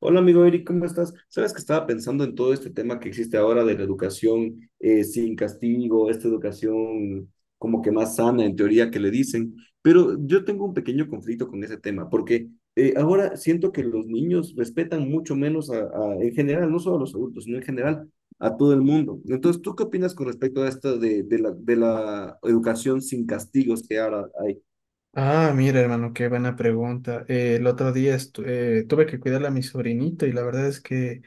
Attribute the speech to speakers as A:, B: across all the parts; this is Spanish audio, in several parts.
A: Hola amigo Eric, ¿cómo estás? Sabes que estaba pensando en todo este tema que existe ahora de la educación sin castigo, esta educación como que más sana en teoría que le dicen, pero yo tengo un pequeño conflicto con ese tema porque ahora siento que los niños respetan mucho menos a en general, no solo a los adultos, sino en general a todo el mundo. Entonces, ¿tú qué opinas con respecto a esto de la educación sin castigos que ahora hay?
B: Ah, mira, hermano, qué buena pregunta. El otro día tuve que cuidar a mi sobrinito y la verdad es que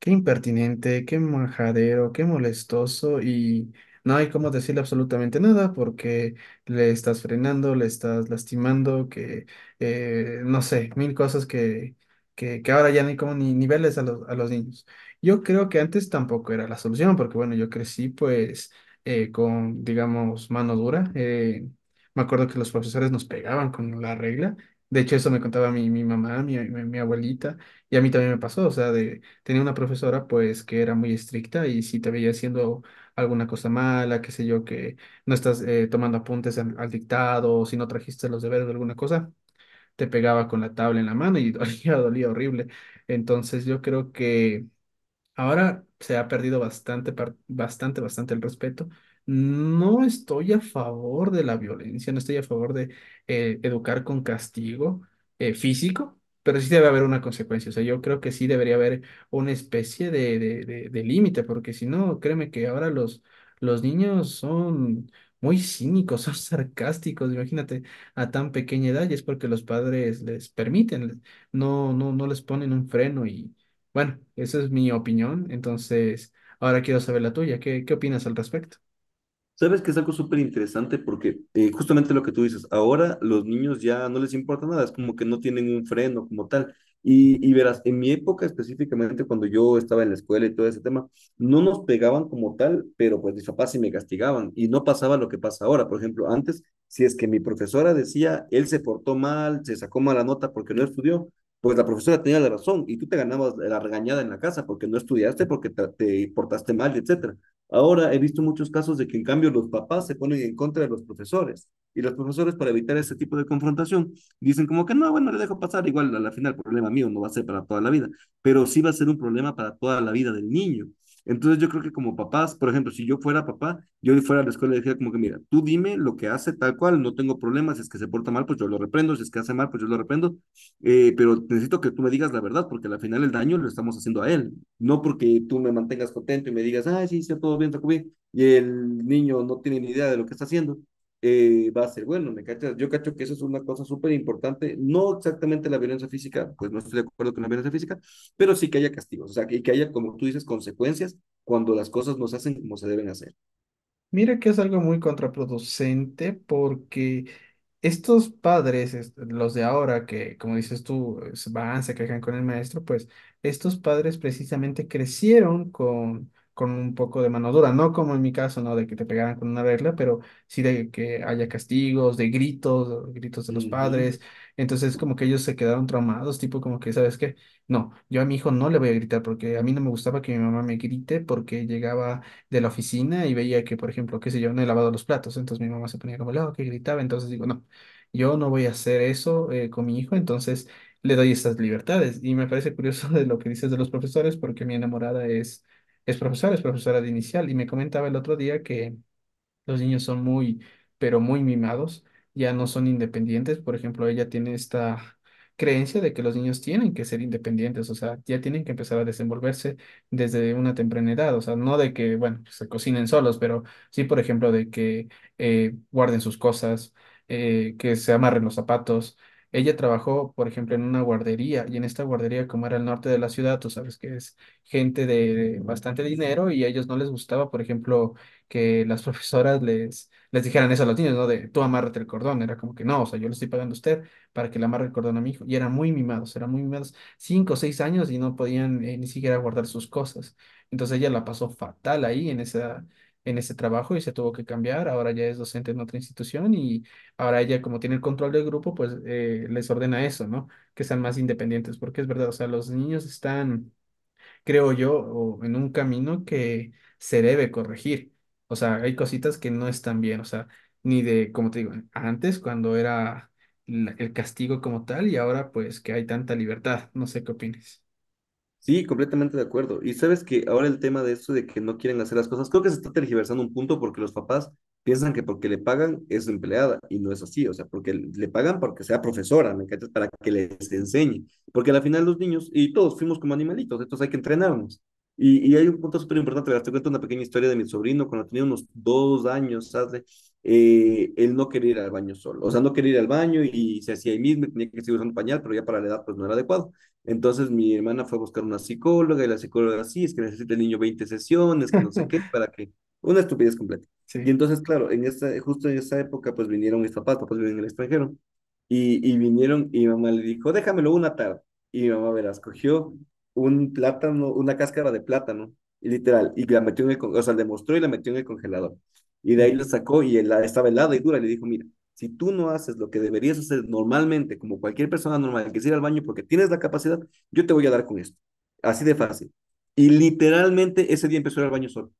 B: qué impertinente, qué majadero, qué molestoso y no hay cómo decirle absolutamente nada porque le estás frenando, le estás lastimando, que no sé, mil cosas que, que ahora ya no hay como ni niveles a los niños. Yo creo que antes tampoco era la solución porque bueno, yo crecí pues con, digamos, mano dura. Me acuerdo que los profesores nos pegaban con la regla. De hecho, eso me contaba mi mamá, mi abuelita, y a mí también me pasó. O sea, de, tenía una profesora pues que era muy estricta y si te veía haciendo alguna cosa mala, qué sé yo, que no estás tomando apuntes al dictado, o si no trajiste los deberes de alguna cosa, te pegaba con la tabla en la mano y dolía, dolía horrible. Entonces yo creo que ahora se ha perdido bastante, bastante el respeto. No estoy a favor de la violencia, no estoy a favor de educar con castigo físico, pero sí debe haber una consecuencia. O sea, yo creo que sí debería haber una especie de límite, porque si no, créeme que ahora los niños son muy cínicos, son sarcásticos. Imagínate, a tan pequeña edad, y es porque los padres les permiten, no les ponen un freno bueno, esa es mi opinión. Entonces, ahora quiero saber la tuya. ¿Qué opinas al respecto?
A: Sabes que es algo súper interesante porque justamente lo que tú dices, ahora los niños ya no les importa nada, es como que no tienen un freno como tal. Y verás, en mi época específicamente, cuando yo estaba en la escuela y todo ese tema, no nos pegaban como tal, pero pues mis papás sí me castigaban y no pasaba lo que pasa ahora. Por ejemplo, antes, si es que mi profesora decía, él se portó mal, se sacó mala nota porque no estudió, pues la profesora tenía la razón y tú te ganabas la regañada en la casa porque no estudiaste, porque te portaste mal, etcétera. Ahora he visto muchos casos de que en cambio los papás se ponen en contra de los profesores y los profesores para evitar ese tipo de confrontación dicen como que no, bueno, le dejo pasar, igual a la final problema mío no va a ser para toda la vida, pero sí va a ser un problema para toda la vida del niño. Entonces yo creo que como papás, por ejemplo, si yo fuera papá, yo fuera a la escuela y diría como que mira, tú dime lo que hace tal cual, no tengo problemas, si es que se porta mal, pues yo lo reprendo, si es que hace mal, pues yo lo reprendo, pero necesito que tú me digas la verdad, porque al final el daño lo estamos haciendo a él, no porque tú me mantengas contento y me digas, ah, sí, está todo bien, y el niño no tiene ni idea de lo que está haciendo, va a ser bueno, ¿me cachas? Yo cacho que eso es una cosa súper importante, no exactamente la violencia física, pues no estoy de acuerdo con la violencia física, pero sí que haya castigos, o sea, que haya, como tú dices, consecuencias cuando las cosas no se hacen como se deben hacer.
B: Mira que es algo muy contraproducente porque estos padres, los de ahora, que como dices tú, van, se quejan con el maestro, pues estos padres precisamente crecieron con un poco de mano dura, no como en mi caso, ¿no? De que te pegaran con una regla, pero sí de que haya castigos, de gritos, gritos de los
A: Ujú.
B: padres. Entonces como que ellos se quedaron traumados, tipo como que, ¿sabes qué? No, yo a mi hijo no le voy a gritar porque a mí no me gustaba que mi mamá me grite porque llegaba de la oficina y veía que, por ejemplo, qué sé yo, no he lavado los platos, entonces mi mamá se ponía como loca y gritaba, entonces digo, no, yo no voy a hacer eso con mi hijo, entonces le doy estas libertades. Y me parece curioso de lo que dices de los profesores, porque mi enamorada es profesora, es profesora de inicial, y me comentaba el otro día que los niños son muy, pero muy mimados, ya no son independientes. Por ejemplo, ella tiene esta creencia de que los niños tienen que ser independientes, o sea, ya tienen que empezar a desenvolverse desde una temprana edad, o sea, no de que, bueno, pues, se cocinen solos, pero sí, por ejemplo, de que guarden sus cosas, que se amarren los zapatos. Ella trabajó, por ejemplo, en una guardería y en esta guardería, como era el norte de la ciudad, tú sabes que es gente de bastante dinero y a ellos no les gustaba, por ejemplo, que las profesoras les dijeran eso a los niños, ¿no? De tú amárrate el cordón. Era como que no, o sea, yo le estoy pagando a usted para que le amarre el cordón a mi hijo. Y eran muy mimados, 5 o 6 años y no podían ni siquiera guardar sus cosas. Entonces ella la pasó fatal ahí en esa, en ese trabajo y se tuvo que cambiar. Ahora ya es docente en otra institución y ahora ella, como tiene el control del grupo, pues les ordena eso, ¿no? Que sean más independientes, porque es verdad, o sea, los niños están creo yo, o en un camino que se debe corregir. O sea, hay cositas que no están bien, o sea, ni de, como te digo, antes cuando era el castigo como tal y ahora pues que hay tanta libertad. No sé qué opines.
A: Sí, completamente de acuerdo. Y sabes que ahora el tema de eso de que no quieren hacer las cosas, creo que se está tergiversando un punto porque los papás piensan que porque le pagan es empleada y no es así, o sea, porque le pagan porque sea profesora, ¿me cachas? Para que les enseñe. Porque al final los niños y todos fuimos como animalitos, entonces hay que entrenarnos. Y hay un punto súper importante, verás, te cuento una pequeña historia de mi sobrino cuando tenía unos 2 años, ¿sabes? Él no quería ir al baño solo, o sea, no quería ir al baño y se hacía ahí mismo, tenía que seguir usando pañal, pero ya para la edad pues no era adecuado. Entonces mi hermana fue a buscar una psicóloga y la psicóloga, sí, es que necesita el niño 20 sesiones, que no sé qué, para que… Una estupidez completa. Y
B: Sí.
A: entonces, claro, en esta, justo en esa época, pues vinieron mis papás, papás viven en el extranjero, y vinieron y mi mamá le dijo, déjamelo una tarde. Y mi mamá, verás, cogió un plátano, una cáscara de plátano, y literal, y la metió en el, o sea, le mostró y la metió en el congelador. Y de ahí lo
B: Ya.
A: sacó y él, estaba helada y dura, y le dijo, mira, si tú no haces lo que deberías hacer normalmente, como cualquier persona normal que es ir al baño porque tienes la capacidad, yo te voy a dar con esto. Así de fácil. Y literalmente ese día empezó a ir al baño solo.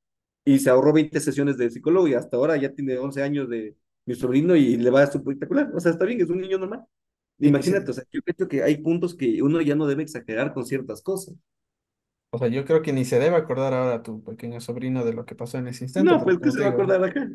A: Y se ahorró 20 sesiones de psicólogo y hasta ahora ya tiene 11 años de mi sobrino y le va espectacular. O sea, está bien, es un niño normal.
B: Y ni
A: Imagínate, o sea, yo creo que hay puntos que uno ya no debe exagerar con ciertas cosas.
B: o sea, yo creo que ni se debe acordar ahora a tu pequeño sobrino de lo que pasó en ese instante,
A: No,
B: porque
A: pues qué
B: como
A: se
B: te
A: va a
B: digo,
A: acordar acá.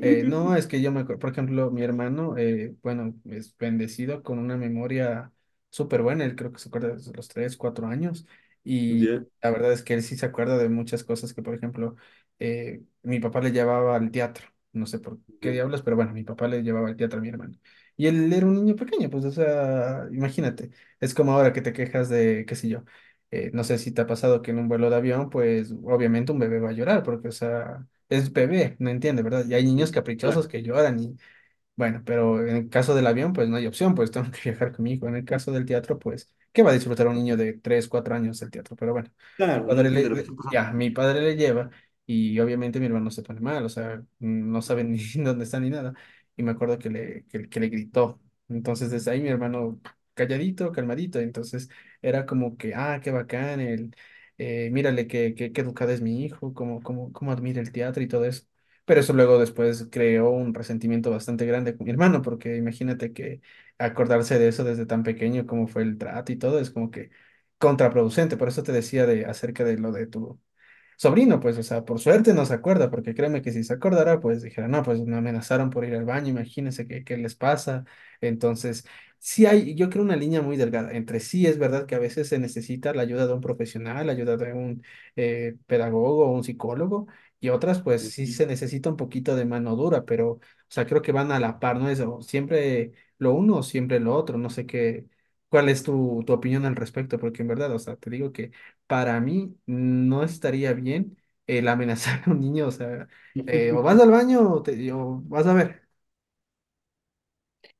B: No, es que yo me acuerdo, por ejemplo, mi hermano, bueno, es bendecido con una memoria súper buena, él creo que se acuerda desde los tres, cuatro años, y
A: Ya,
B: la verdad es que él sí se acuerda de muchas cosas que, por ejemplo, mi papá le llevaba al teatro, no sé por qué
A: ya.
B: diablos, pero bueno, mi papá le llevaba al teatro a mi hermano. Y él era un niño pequeño, pues, o sea, imagínate, es como ahora que te quejas de, qué sé yo, no sé si te ha pasado que en un vuelo de avión, pues, obviamente un bebé va a llorar, porque, o sea es bebé, no entiende, ¿verdad? Y hay niños caprichosos
A: Claro,
B: que lloran y, bueno, pero en el caso del avión, pues no hay opción, pues tengo que viajar con mi hijo. En el caso del teatro, pues, ¿qué va a disfrutar un niño de 3 4 años del teatro? Pero bueno, mi
A: claro, no
B: padre
A: entiende lo que está pasando.
B: ya, mi padre le lleva y obviamente mi hermano se pone mal, o sea, no sabe ni dónde está ni nada. Y me acuerdo que le gritó. Entonces, desde ahí mi hermano calladito, calmadito. Entonces, era como que, ah, qué bacán, mírale qué, qué educado es mi hijo, cómo, cómo admira el teatro y todo eso. Pero eso luego después creó un resentimiento bastante grande con mi hermano, porque imagínate que acordarse de eso desde tan pequeño, cómo fue el trato y todo, es como que contraproducente. Por eso te decía de acerca de lo de tu sobrino, pues, o sea, por suerte no se acuerda, porque créeme que si se acordara, pues dijera, no, pues me amenazaron por ir al baño, imagínense qué, les pasa. Entonces, sí hay, yo creo una línea muy delgada entre sí, es verdad que a veces se necesita la ayuda de un profesional, la ayuda de un pedagogo o un psicólogo, y otras, pues sí se necesita un poquito de mano dura, pero, o sea, creo que van a la par, ¿no? Eso, siempre lo uno, o siempre lo otro, no sé qué. ¿Cuál es tu opinión al respecto? Porque en verdad, o sea, te digo que para mí no estaría bien el amenazar a un niño, o sea, o vas al baño o, te, o vas a ver.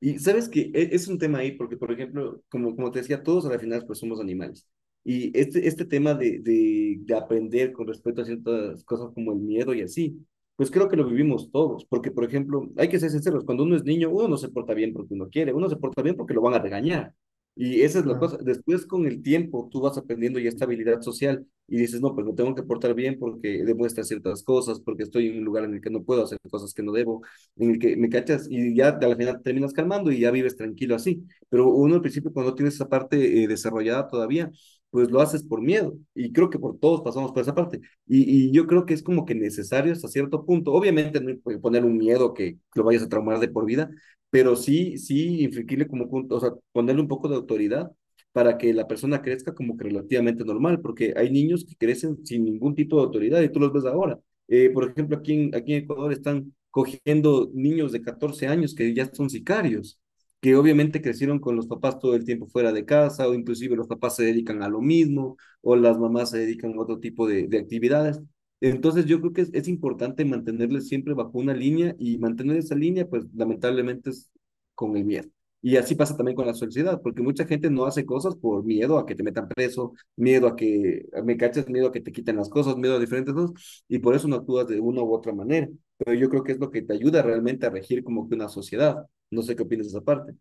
A: Y sabes que es un tema ahí, porque, por ejemplo, como te decía, todos a la final pues somos animales. Y este tema de aprender con respecto a ciertas cosas como el miedo y así, pues creo que lo vivimos todos, porque, por ejemplo, hay que ser sinceros, cuando uno es niño, uno no se porta bien porque uno quiere, uno se porta bien porque lo van a regañar. Y esa es la
B: No.
A: cosa. Después, con el tiempo, tú vas aprendiendo ya esta habilidad social y dices, no, pues me tengo que portar bien porque demuestra ciertas cosas, porque estoy en un lugar en el que no puedo hacer cosas que no debo en el que me cachas y ya al final terminas calmando y ya vives tranquilo así. Pero uno al principio cuando no tienes esa parte desarrollada todavía, pues lo haces por miedo. Y creo que por todos pasamos por esa parte. Y yo creo que es como que necesario hasta cierto punto. Obviamente no poner un miedo que lo vayas a traumar de por vida, pero sí, sí, infligirle como, o sea, ponerle un poco de autoridad para que la persona crezca como que relativamente normal, porque hay niños que crecen sin ningún tipo de autoridad y tú los ves ahora. Por ejemplo, aquí en Ecuador están cogiendo niños de 14 años que ya son sicarios, que obviamente crecieron con los papás todo el tiempo fuera de casa, o inclusive los papás se dedican a lo mismo, o las mamás se dedican a otro tipo de actividades. Entonces yo creo que es importante mantenerles siempre bajo una línea y mantener esa línea, pues lamentablemente es con el miedo. Y así pasa también con la sociedad, porque mucha gente no hace cosas por miedo a que te metan preso, miedo a que me caches, miedo a que te quiten las cosas, miedo a diferentes cosas y por eso no actúas de una u otra manera. Pero yo creo que es lo que te ayuda realmente a regir como que una sociedad. No sé qué opinas de esa parte.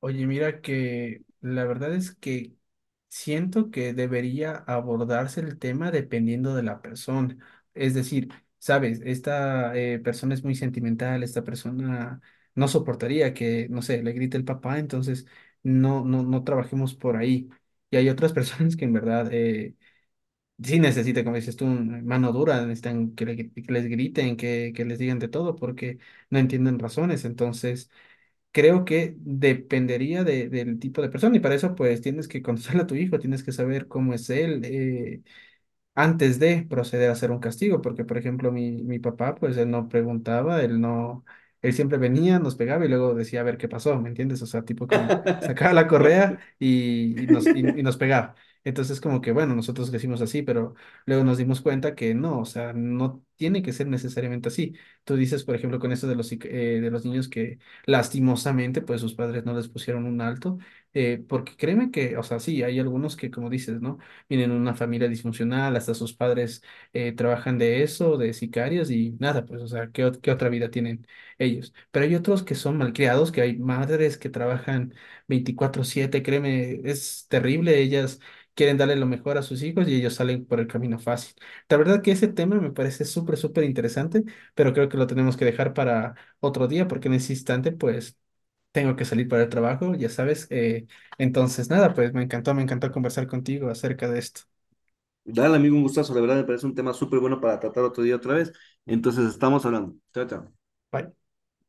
B: Oye, mira que la verdad es que siento que debería abordarse el tema dependiendo de la persona. Es decir, sabes, esta persona es muy sentimental, esta persona no soportaría que, no sé, le grite el papá, entonces no trabajemos por ahí. Y hay otras personas que en verdad sí necesita, como dices tú, mano dura, necesitan que, que les griten, que les digan de todo, porque no entienden razones. Entonces, creo que dependería del tipo de persona y para eso, pues, tienes que conocer a tu hijo, tienes que saber cómo es él, antes de proceder a hacer un castigo, porque por ejemplo mi papá, pues él no preguntaba, él no, él siempre venía, nos pegaba y luego decía a ver qué pasó, ¿me entiendes? O sea, tipo como sacaba la
A: No,
B: correa y nos pegaba. Entonces como que bueno, nosotros crecimos así, pero luego nos dimos cuenta que no, o sea, no tiene que ser necesariamente así. Tú dices, por ejemplo, con esto de los niños que lastimosamente, pues sus padres no les pusieron un alto, porque créeme que, o sea, sí, hay algunos que como dices, ¿no? Vienen de una familia disfuncional, hasta sus padres trabajan de eso, de sicarios y nada, pues, o sea, ¿qué otra vida tienen ellos? Pero hay otros que son malcriados, que hay madres que trabajan 24/7 créeme, es terrible, ellas quieren darle lo mejor a sus hijos y ellos salen por el camino fácil. La verdad que ese tema me parece súper, súper interesante, pero creo que lo tenemos que dejar para otro día porque en ese instante, pues... Tengo que salir para el trabajo, ya sabes. Entonces, nada, pues me encantó conversar contigo acerca de esto.
A: dale, amigo, un gustazo. La verdad me parece un tema súper bueno para tratar otro día otra vez. Entonces, estamos hablando. Chao, chao.
B: Bye.